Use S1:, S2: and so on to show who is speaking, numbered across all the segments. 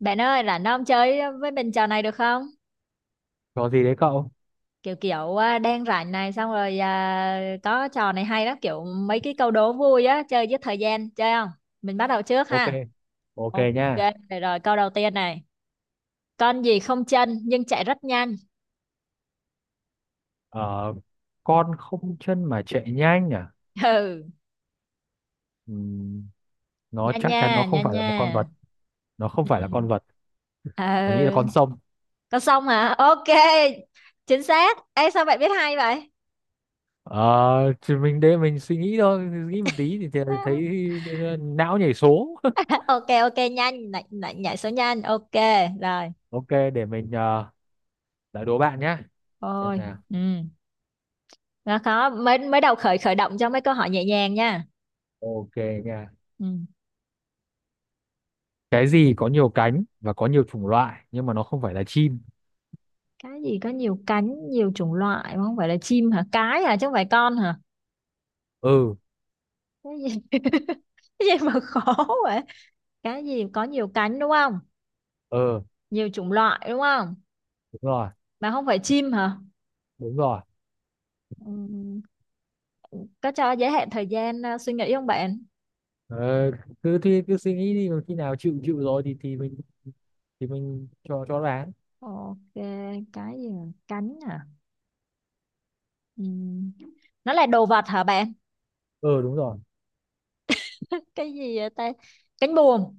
S1: Bạn ơi, rảnh không chơi với mình trò này được không?
S2: Có gì đấy cậu?
S1: Kiểu kiểu à, đang rảnh này xong có trò này hay lắm, kiểu mấy cái câu đố vui á, chơi giết thời gian, chơi không? Mình bắt đầu trước
S2: Ok,
S1: ha.
S2: ok
S1: Ok,
S2: nha.
S1: rồi câu đầu tiên này. Con gì không chân nhưng chạy rất nhanh?
S2: Ờ, con không chân mà chạy nhanh à?
S1: Ừ,
S2: Ừm, nó
S1: nhanh
S2: chắc
S1: nha,
S2: chắn không
S1: nhanh
S2: phải là
S1: nha.
S2: một con vật. Nó không
S1: Ừ.
S2: phải là con vật.
S1: Ờ,
S2: Mình nghĩ là con sông.
S1: con sông hả? Ok, chính xác. Ê, sao bạn biết hay vậy?
S2: Ờ, thì mình để mình suy nghĩ thôi. Nghĩ một tí thì thấy não nhảy số.
S1: Ok, ok, nhanh, nhảy số nhanh, ok, rồi.
S2: Ok, để mình ờ, đã đố bạn nhá. Xem
S1: Ôi,
S2: nào.
S1: ừ. Đó, khó mới mới đầu khởi khởi động cho mấy câu hỏi nhẹ nhàng nha,
S2: Ok nha.
S1: ừ.
S2: Cái gì có nhiều cánh và có nhiều chủng loại nhưng mà nó không phải là chim?
S1: Cái gì có nhiều cánh nhiều chủng loại không phải là chim hả, cái hả chứ không phải con hả,
S2: Ừ,
S1: cái gì? Cái gì mà khó vậy, cái gì có nhiều cánh đúng không,
S2: ừ,
S1: nhiều chủng loại đúng không,
S2: đúng rồi,
S1: mà không phải chim hả?
S2: đúng rồi.
S1: Ừ. Có cho giới hạn thời gian suy nghĩ không bạn?
S2: Ờ, cứ cứ suy nghĩ đi mà khi nào chịu chịu rồi thì mình cho đoán.
S1: Ok, cái gì mà cánh hả? Ừ. Nó là đồ vật hả bạn?
S2: Ờ, đúng rồi.
S1: Cái gì vậy ta, cánh buồm?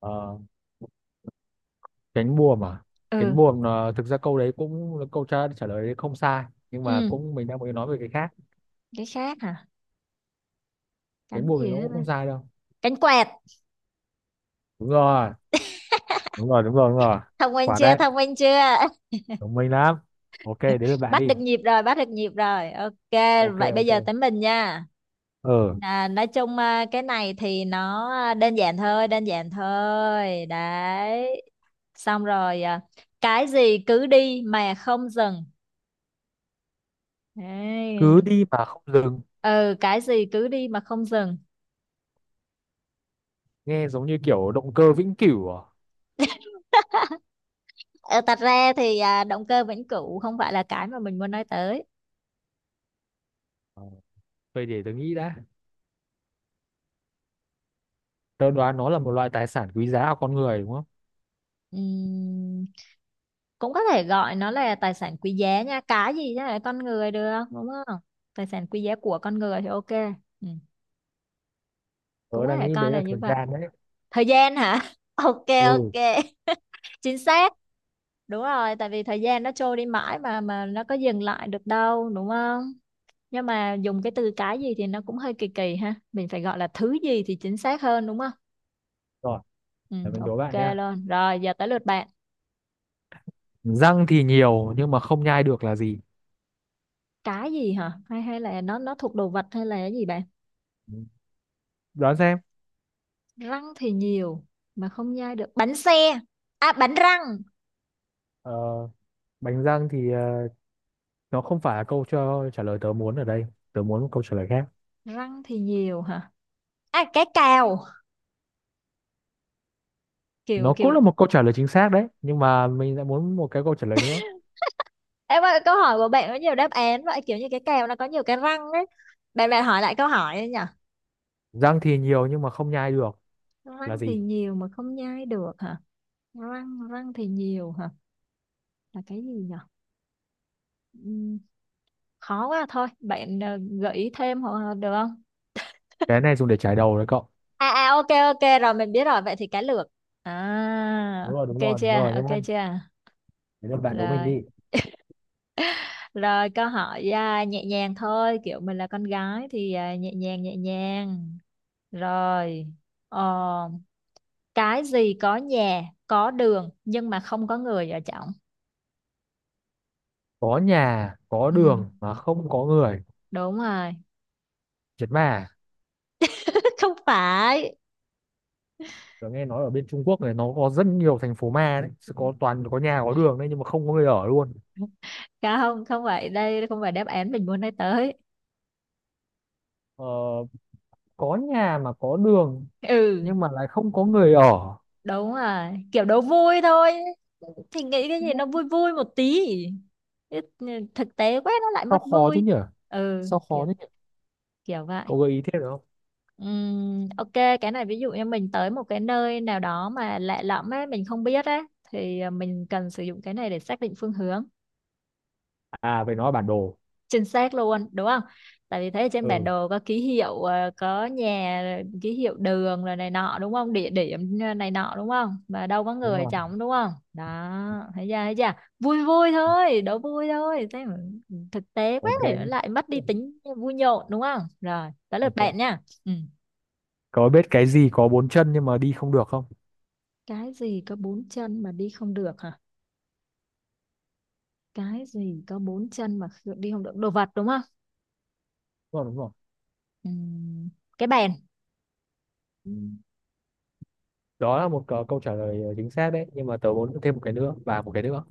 S2: Ờ, cánh buồm à?
S1: Ừ.
S2: Cánh buồm là, thực ra câu đấy cũng là câu trả trả lời đấy, không sai, nhưng mà
S1: Ừ,
S2: cũng mình đang muốn nói về cái khác.
S1: cái khác hả,
S2: Cánh
S1: cánh
S2: buồm thì
S1: gì
S2: nó
S1: đó
S2: cũng
S1: ta?
S2: không sai đâu.
S1: Cánh quẹt.
S2: Đúng rồi, đúng rồi, đúng rồi, đúng rồi,
S1: thông minh
S2: quả
S1: chưa
S2: đấy
S1: thông minh chưa
S2: thông minh lắm. Ok, đến lượt bạn
S1: bắt
S2: đi.
S1: được nhịp rồi bắt được nhịp rồi Ok,
S2: Ok,
S1: vậy bây
S2: ok.
S1: giờ tới mình nha.
S2: ờ
S1: Nói chung cái này thì nó đơn giản thôi đấy, xong cái gì cứ đi mà không dừng?
S2: cứ
S1: Đấy.
S2: đi mà không dừng,
S1: Ừ, cái gì cứ đi mà không dừng?
S2: nghe giống như kiểu động cơ vĩnh cửu à?
S1: Ờ, thật ra thì động cơ vĩnh cửu không phải là cái mà mình muốn nói tới.
S2: Ờ, vậy để tôi nghĩ đã. Tôi đoán nó là một loại tài sản quý giá của con người đúng không?
S1: Ừm, cũng có thể gọi nó là tài sản quý giá nha, cái gì chứ là con người được đúng không, tài sản quý giá của con người thì ok. Ừ. Cũng
S2: Tớ
S1: có
S2: đang
S1: thể
S2: nghĩ
S1: coi
S2: đấy
S1: là
S2: là
S1: như
S2: thời
S1: vậy.
S2: gian đấy.
S1: Thời gian hả? Ok,
S2: Ừ,
S1: ok, chính xác. Đúng rồi, tại vì thời gian nó trôi đi mãi mà nó có dừng lại được đâu đúng không. Nhưng mà dùng cái từ cái gì thì nó cũng hơi kỳ kỳ ha, mình phải gọi là thứ gì thì chính xác hơn đúng không.
S2: rồi
S1: Ừ,
S2: để mình đố
S1: ok
S2: bạn nhé.
S1: luôn, rồi giờ tới lượt bạn.
S2: Răng thì nhiều nhưng mà không nhai được là gì?
S1: Cái gì hả, hay hay là nó thuộc đồ vật hay là cái gì bạn?
S2: Ừ, đoán xem.
S1: Răng thì nhiều mà không nhai được, bánh xe? À, bánh răng.
S2: Ờ, bánh răng thì, nó không phải là câu cho trả lời tớ muốn ở đây. Tớ muốn một câu trả lời khác.
S1: Răng thì nhiều hả, à cái cào, kiểu
S2: Nó cũng
S1: kiểu
S2: là một câu trả lời chính xác đấy nhưng mà mình lại muốn một cái câu trả lời nữa.
S1: Em ơi câu hỏi của bạn có nhiều đáp án vậy, kiểu như cái cào nó có nhiều cái răng ấy. Bạn bạn hỏi lại câu hỏi ấy nhỉ.
S2: Răng thì nhiều nhưng mà không nhai được là
S1: Răng thì
S2: gì?
S1: nhiều mà không nhai được hả? Răng răng thì nhiều hả, là cái gì nhỉ? Ừm, khó quá thôi bạn, ờ, gợi ý thêm hoặc được không?
S2: Cái này dùng để chải đầu đấy cậu.
S1: À à, ok ok, rồi mình biết rồi, vậy thì cá lược. À.
S2: Đúng rồi, đúng
S1: Ok
S2: rồi, đúng
S1: chưa,
S2: rồi nhá.
S1: ok chưa?
S2: Để bạn đố mình
S1: Rồi.
S2: đi.
S1: Rồi câu hỏi nhẹ nhàng thôi, kiểu mình là con gái thì nhẹ nhàng nhẹ nhàng. Rồi, ờ, cái gì có nhà, có đường nhưng mà không có người ở trong?
S2: Có nhà, có
S1: Ừ,
S2: đường mà không có người.
S1: đúng rồi.
S2: Chết mà.
S1: Không phải.
S2: Tớ nghe nói ở bên Trung Quốc này, nó có rất nhiều thành phố ma đấy. Sẽ có toàn có nhà, có đường đấy, nhưng mà không có người ở luôn.
S1: Không, không phải, đây không phải đáp án mình muốn nói tới.
S2: Ờ, có nhà mà có đường
S1: Ừ,
S2: nhưng mà lại không có người ở.
S1: đúng rồi. Kiểu đố vui thôi. Thì nghĩ cái gì nó
S2: Nó-
S1: vui vui một tí. Ít- ừ, Thực tế quá nó lại
S2: sao
S1: mất
S2: khó thế
S1: vui.
S2: nhỉ?
S1: Ừ,
S2: Sao khó thế
S1: kiểu
S2: nhỉ?
S1: kiểu vậy.
S2: Cậu gợi ý thêm được không?
S1: Ok cái này ví dụ như mình tới một cái nơi nào đó mà lạ lẫm á, mình không biết á, thì mình cần sử dụng cái này để xác định phương hướng.
S2: À, phải nói là bản đồ.
S1: Chính xác luôn đúng không, tại vì thấy ở trên bản
S2: Ừ,
S1: đồ có ký hiệu có nhà rồi ký hiệu đường rồi này nọ đúng không, địa điểm, ờ, này nọ đúng không, mà đâu có
S2: đúng
S1: người
S2: rồi.
S1: trống đúng không đó. Thấy chưa, thấy chưa. Vui vui thôi, đố vui thôi thế mà. Ừ, thực tế quá
S2: Ok
S1: thì nó
S2: nhé.
S1: lại mất đi tính vui nhộn đúng không, rồi tới lượt bạn
S2: Ok.
S1: nha. Ừ.
S2: Cậu biết cái gì có bốn chân nhưng mà đi không được không?
S1: Cái gì có bốn chân mà đi không được hả? Cái gì có bốn chân mà đi không được, đồ vật đúng không?
S2: Đúng rồi, đúng rồi.
S1: Ừm, cái bèn.
S2: Ừ. Đó là một câu câu trả lời chính xác đấy nhưng mà tớ muốn thêm một cái nữa và một cái nữa.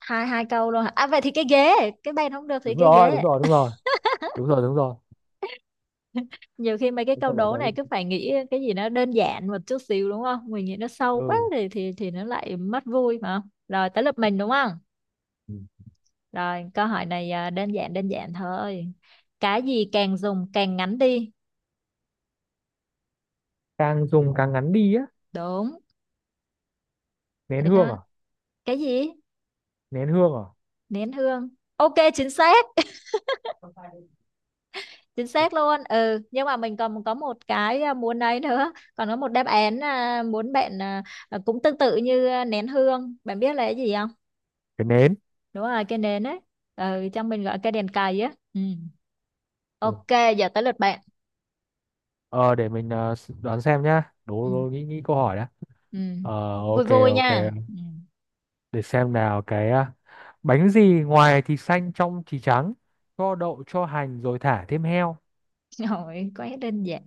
S1: Hai hai câu luôn hả, à vậy thì cái ghế, cái bèn không được thì
S2: Đúng
S1: cái
S2: rồi, đúng
S1: ghế.
S2: rồi, đúng rồi. Đúng rồi, đúng rồi.
S1: Nhiều khi mấy cái
S2: Cái
S1: câu
S2: câu đố
S1: đố
S2: tớ
S1: này cứ
S2: đi.
S1: phải nghĩ cái gì nó đơn giản một chút xíu đúng không, mình nghĩ nó sâu quá thì nó lại mất vui mà. Rồi tới lượt mình đúng không,
S2: Ừ.
S1: rồi câu hỏi này, à, đơn giản thôi. Cái gì càng dùng càng ngắn đi?
S2: Càng dùng càng ngắn đi á?
S1: Đúng.
S2: Nén
S1: Thế
S2: hương
S1: nó,
S2: à?
S1: cái gì,
S2: Nén hương à.
S1: nén hương. Ok, chính xác, chính xác luôn. Ừ nhưng mà mình còn có một cái muốn ấy nữa, còn có một đáp án, à, muốn bạn, à, cũng tương tự như, à, nén hương, bạn biết là cái gì không?
S2: Cái nến.
S1: Đúng rồi cái nến ấy. Ừ, trong mình gọi cái đèn cầy á. Ừ.
S2: Ừ.
S1: Ok giờ tới lượt bạn.
S2: ờ để mình ờ, s- Đoán xem nhá.
S1: Ừ.
S2: Đố đố nghĩ nghĩ câu hỏi đã.
S1: Ừ.
S2: Ờ.
S1: Vui
S2: Ok,
S1: vui
S2: ok.
S1: nha, ừ.
S2: Để xem nào. Bánh gì ngoài thì xanh, trong thì trắng, cho đậu, cho hành rồi thả thêm heo?
S1: Rồi, quá đơn giản.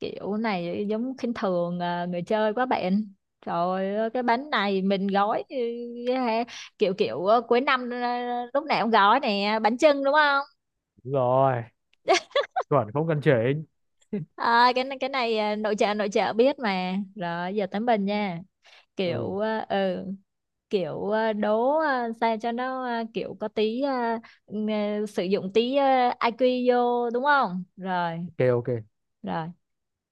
S1: Kiểu này giống khinh thường à, người chơi quá bạn. Trời ơi, cái bánh này mình gói, ừ, kiểu kiểu ờ, cuối năm, ờ, lúc nào cũng gói nè, bánh chưng đúng không.
S2: Đúng rồi, chuẩn không cần chỉnh.
S1: À, cái này nội trợ biết mà, rồi giờ tới mình nha.
S2: Ừ,
S1: kiểu à, ừ đố sao cho nó kiểu có tí sử dụng tí IQ vô đúng không rồi.
S2: ok, ok.
S1: Rồi,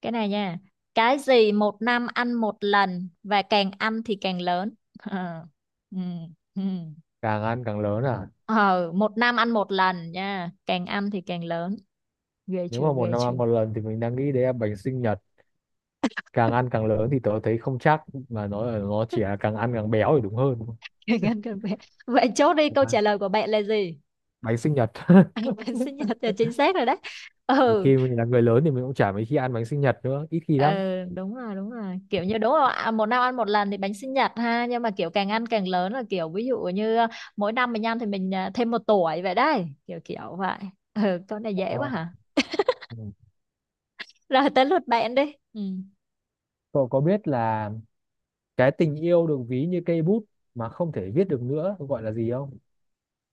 S1: cái này nha. Cái gì một năm ăn một lần và càng ăn thì càng lớn? Ờ, ừ, ừ.
S2: Càng ăn càng lớn à?
S1: Ờ, một năm ăn một lần nha, càng ăn thì càng lớn. ghê
S2: Nếu
S1: chưa
S2: mà một
S1: ghê
S2: năm
S1: chưa
S2: ăn một lần thì mình đang nghĩ đấy là bánh sinh nhật. Càng ăn càng lớn thì tớ thấy không chắc, mà nó chỉ là càng ăn càng béo thì đúng hơn.
S1: Càng ăn càng bé, vậy chốt đi câu
S2: À,
S1: trả lời của bạn là gì?
S2: bánh sinh nhật.
S1: Bạn sinh nhật là chính xác rồi đấy.
S2: Nhiều
S1: Ừ.
S2: khi mình là người lớn thì mình cũng chả mấy khi ăn bánh sinh nhật nữa, ít khi lắm.
S1: Ờ, đúng rồi, đúng rồi, kiểu như đúng rồi, à, một năm ăn một lần thì bánh sinh nhật ha, nhưng mà kiểu càng ăn càng lớn là kiểu ví dụ như, à, mỗi năm mình ăn thì mình, à, thêm một tuổi vậy đấy, kiểu kiểu vậy. Ừ, con này dễ
S2: Ờ.
S1: quá hả.
S2: Ừ.
S1: Rồi tới lượt bạn đi. Ừ.
S2: Cậu có biết là cái tình yêu được ví như cây bút mà không thể viết được nữa gọi là gì không?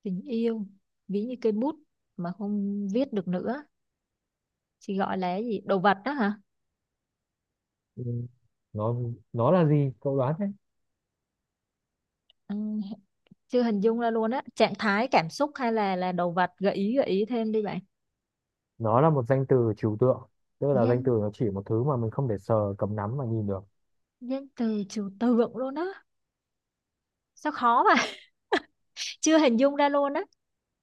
S1: Tình yêu ví như cây bút mà không viết được nữa chỉ gọi là cái gì, đồ vật đó hả?
S2: Ừ. nó nó là gì? Cậu đoán đấy.
S1: Ừ, chưa hình dung ra luôn á, trạng thái cảm xúc hay là đồ vật, gợi ý thêm đi bạn.
S2: Nó là một danh từ trừu tượng, tức là danh từ
S1: danh
S2: nó chỉ một thứ mà mình không thể sờ cầm nắm mà nhìn được.
S1: danh từ trừu tượng luôn á, sao khó mà. Chưa hình dung ra luôn á.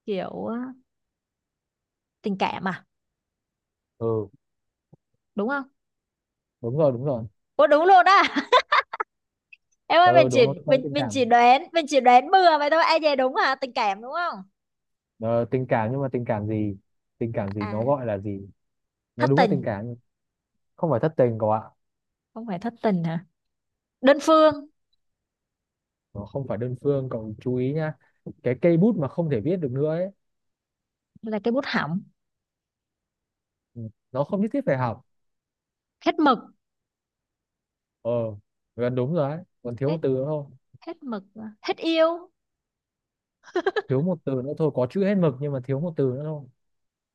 S1: Kiểu ờ, tình cảm à?
S2: Ừ,
S1: Đúng không?
S2: đúng rồi, đúng rồi.
S1: Ủa đúng luôn á? Em ơi mình
S2: Ừ, đúng
S1: chỉ,
S2: rồi, liên quan đến
S1: mình
S2: tình
S1: mình
S2: cảm.
S1: chỉ đoán, mình chỉ đoán bừa vậy thôi ai về đúng hả, tình cảm đúng không?
S2: Ờ, tình cảm, nhưng mà tình cảm gì? Tình cảm gì, nó
S1: À,
S2: gọi là gì? Nó
S1: thất
S2: đúng là tình
S1: tình.
S2: cảm nhưng không phải thất tình cậu ạ.
S1: Không phải thất tình hả, đơn phương.
S2: Nó không phải đơn phương. Cậu chú ý nhá, cái cây bút mà không thể viết được nữa ấy.
S1: Là cái bút hỏng.
S2: Ừ, nó không nhất thiết phải học.
S1: Hết mực.
S2: Ờ, gần đúng rồi đấy, còn thiếu một
S1: Hết,
S2: từ nữa thôi.
S1: hết mực à? Hết yêu.
S2: Thiếu một từ nữa thôi, có chữ hết mực nhưng mà thiếu một từ nữa thôi.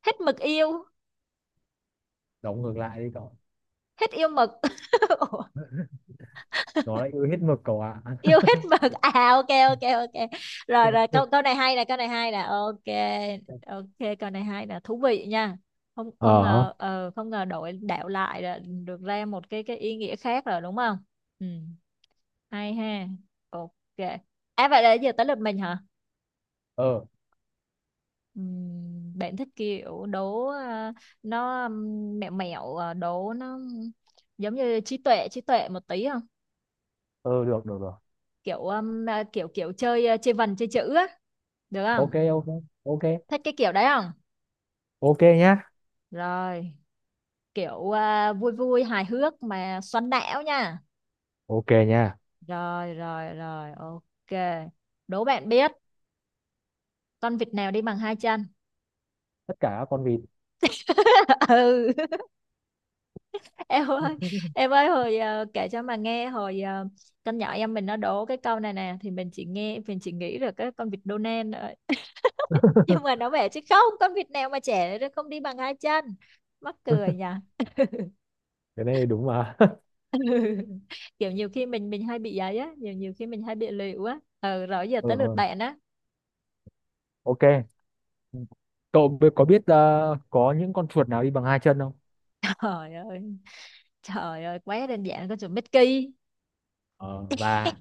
S1: Hết mực yêu.
S2: Đóng ngược lại đi cậu.
S1: Hết yêu mực.
S2: Nó lại ư, hết mực cậu ạ.
S1: Yêu hết mực à, ok ok ok. Rồi rồi câu câu này hay nè, câu này hay nè, ok. Ok câu này hay nè, thú vị nha. Không không
S2: ờ
S1: ngờ, ờ, không ngờ đổi đạo lại là được ra một cái ý nghĩa khác rồi đúng không. Ừ. Hay ha. Ok. À vậy là giờ tới lượt mình hả.
S2: ờ
S1: Bạn thích kiểu đố, ờ, nó mẹo mẹo ờ, đố nó giống như trí tuệ một tí không?
S2: ờ, được, được, được.
S1: Kiểu à, kiểu kiểu chơi, ờ, chơi vần chơi chữ á, được không?
S2: Ok, ok, ok.
S1: Thích cái kiểu đấy không?
S2: Ok nhá.
S1: Rồi, kiểu à, vui vui hài hước mà xoắn não nha.
S2: Ok nha.
S1: Rồi. Ok. Đố bạn biết con vịt nào đi bằng hai chân?
S2: Tất cả các con vịt.
S1: Ừ, em ơi, em ơi, hồi, à, kể cho mà nghe hồi, à, con nhỏ em mình nó đố cái câu này nè, thì mình chỉ nghe mình chỉ nghĩ là cái con vịt Donald thôi. Nhưng mà nó bảo chứ không, con vịt nào mà trẻ nó không đi bằng hai chân. Mắc cười nhỉ.
S2: Cái này đúng mà.
S1: Kiểu nhiều khi mình hay bị ấy á, nhiều nhiều khi mình hay bị lịu á. Ừ, rồi giờ
S2: ờ
S1: tới lượt
S2: ờ
S1: bạn á.
S2: ok. Có biết có những con chuột nào đi bằng hai chân không?
S1: Trời ơi, quá đơn giản, con chuột Mickey.
S2: Ờ và.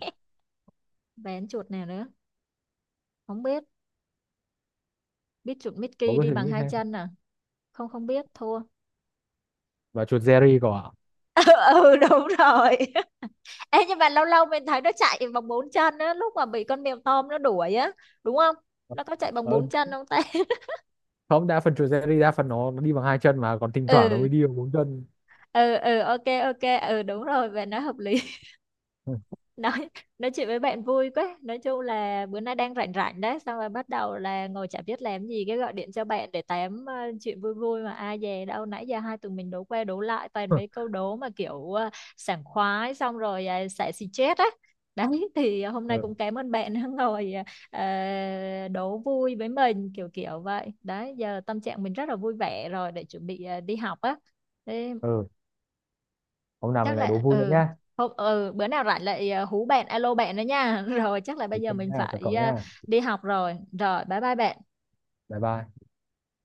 S1: Vén chuột nào nữa? Không biết. Biết chuột
S2: Bố
S1: Mickey
S2: cứ
S1: đi
S2: suy
S1: bằng
S2: nghĩ
S1: hai
S2: thế.
S1: chân à? Không không biết, thua.
S2: Và chuột Jerry cậu ạ.
S1: Ừ đúng rồi. Ê, nhưng mà lâu lâu mình thấy nó chạy bằng bốn chân á, lúc mà bị con mèo Tom nó đuổi á, đúng không? Nó có chạy bằng
S2: Ờ,
S1: bốn chân không ta?
S2: không, đa phần chuột Jerry, đa phần nó đi bằng hai chân mà, còn thỉnh thoảng nó
S1: ừ,
S2: mới đi bằng bốn chân.
S1: ừ, ok, ok, ừ đúng rồi, về nói hợp lý. Nói nói chuyện với bạn vui quá, nói chung là bữa nay đang rảnh rảnh đấy, xong rồi bắt đầu là ngồi chả biết làm gì cái gọi điện cho bạn để tám, ờ, chuyện vui vui mà ai dè đâu nãy giờ hai tụi mình đố qua đố lại toàn mấy câu đố mà kiểu, ờ, sảng khoái xong rồi, xả xì chết á đấy. Thì hôm nay
S2: Ừ.
S1: cũng cảm ơn bạn đã ngồi, ờ, đố vui với mình kiểu kiểu vậy đấy, giờ tâm trạng mình rất là vui vẻ rồi để chuẩn bị, ờ, đi học á. Thế
S2: Ừ. Hôm nào
S1: chắc
S2: mình lại đố
S1: là
S2: vui nữa
S1: ừ,
S2: nhá.
S1: hôm ừ bữa nào rảnh lại, ờ, hú bạn alo bạn đó nha. Rồi chắc là bây
S2: Ok
S1: giờ mình
S2: nhá, chào
S1: phải,
S2: cậu
S1: ờ,
S2: nhá.
S1: đi học rồi, bye bye bạn.
S2: Bye bye.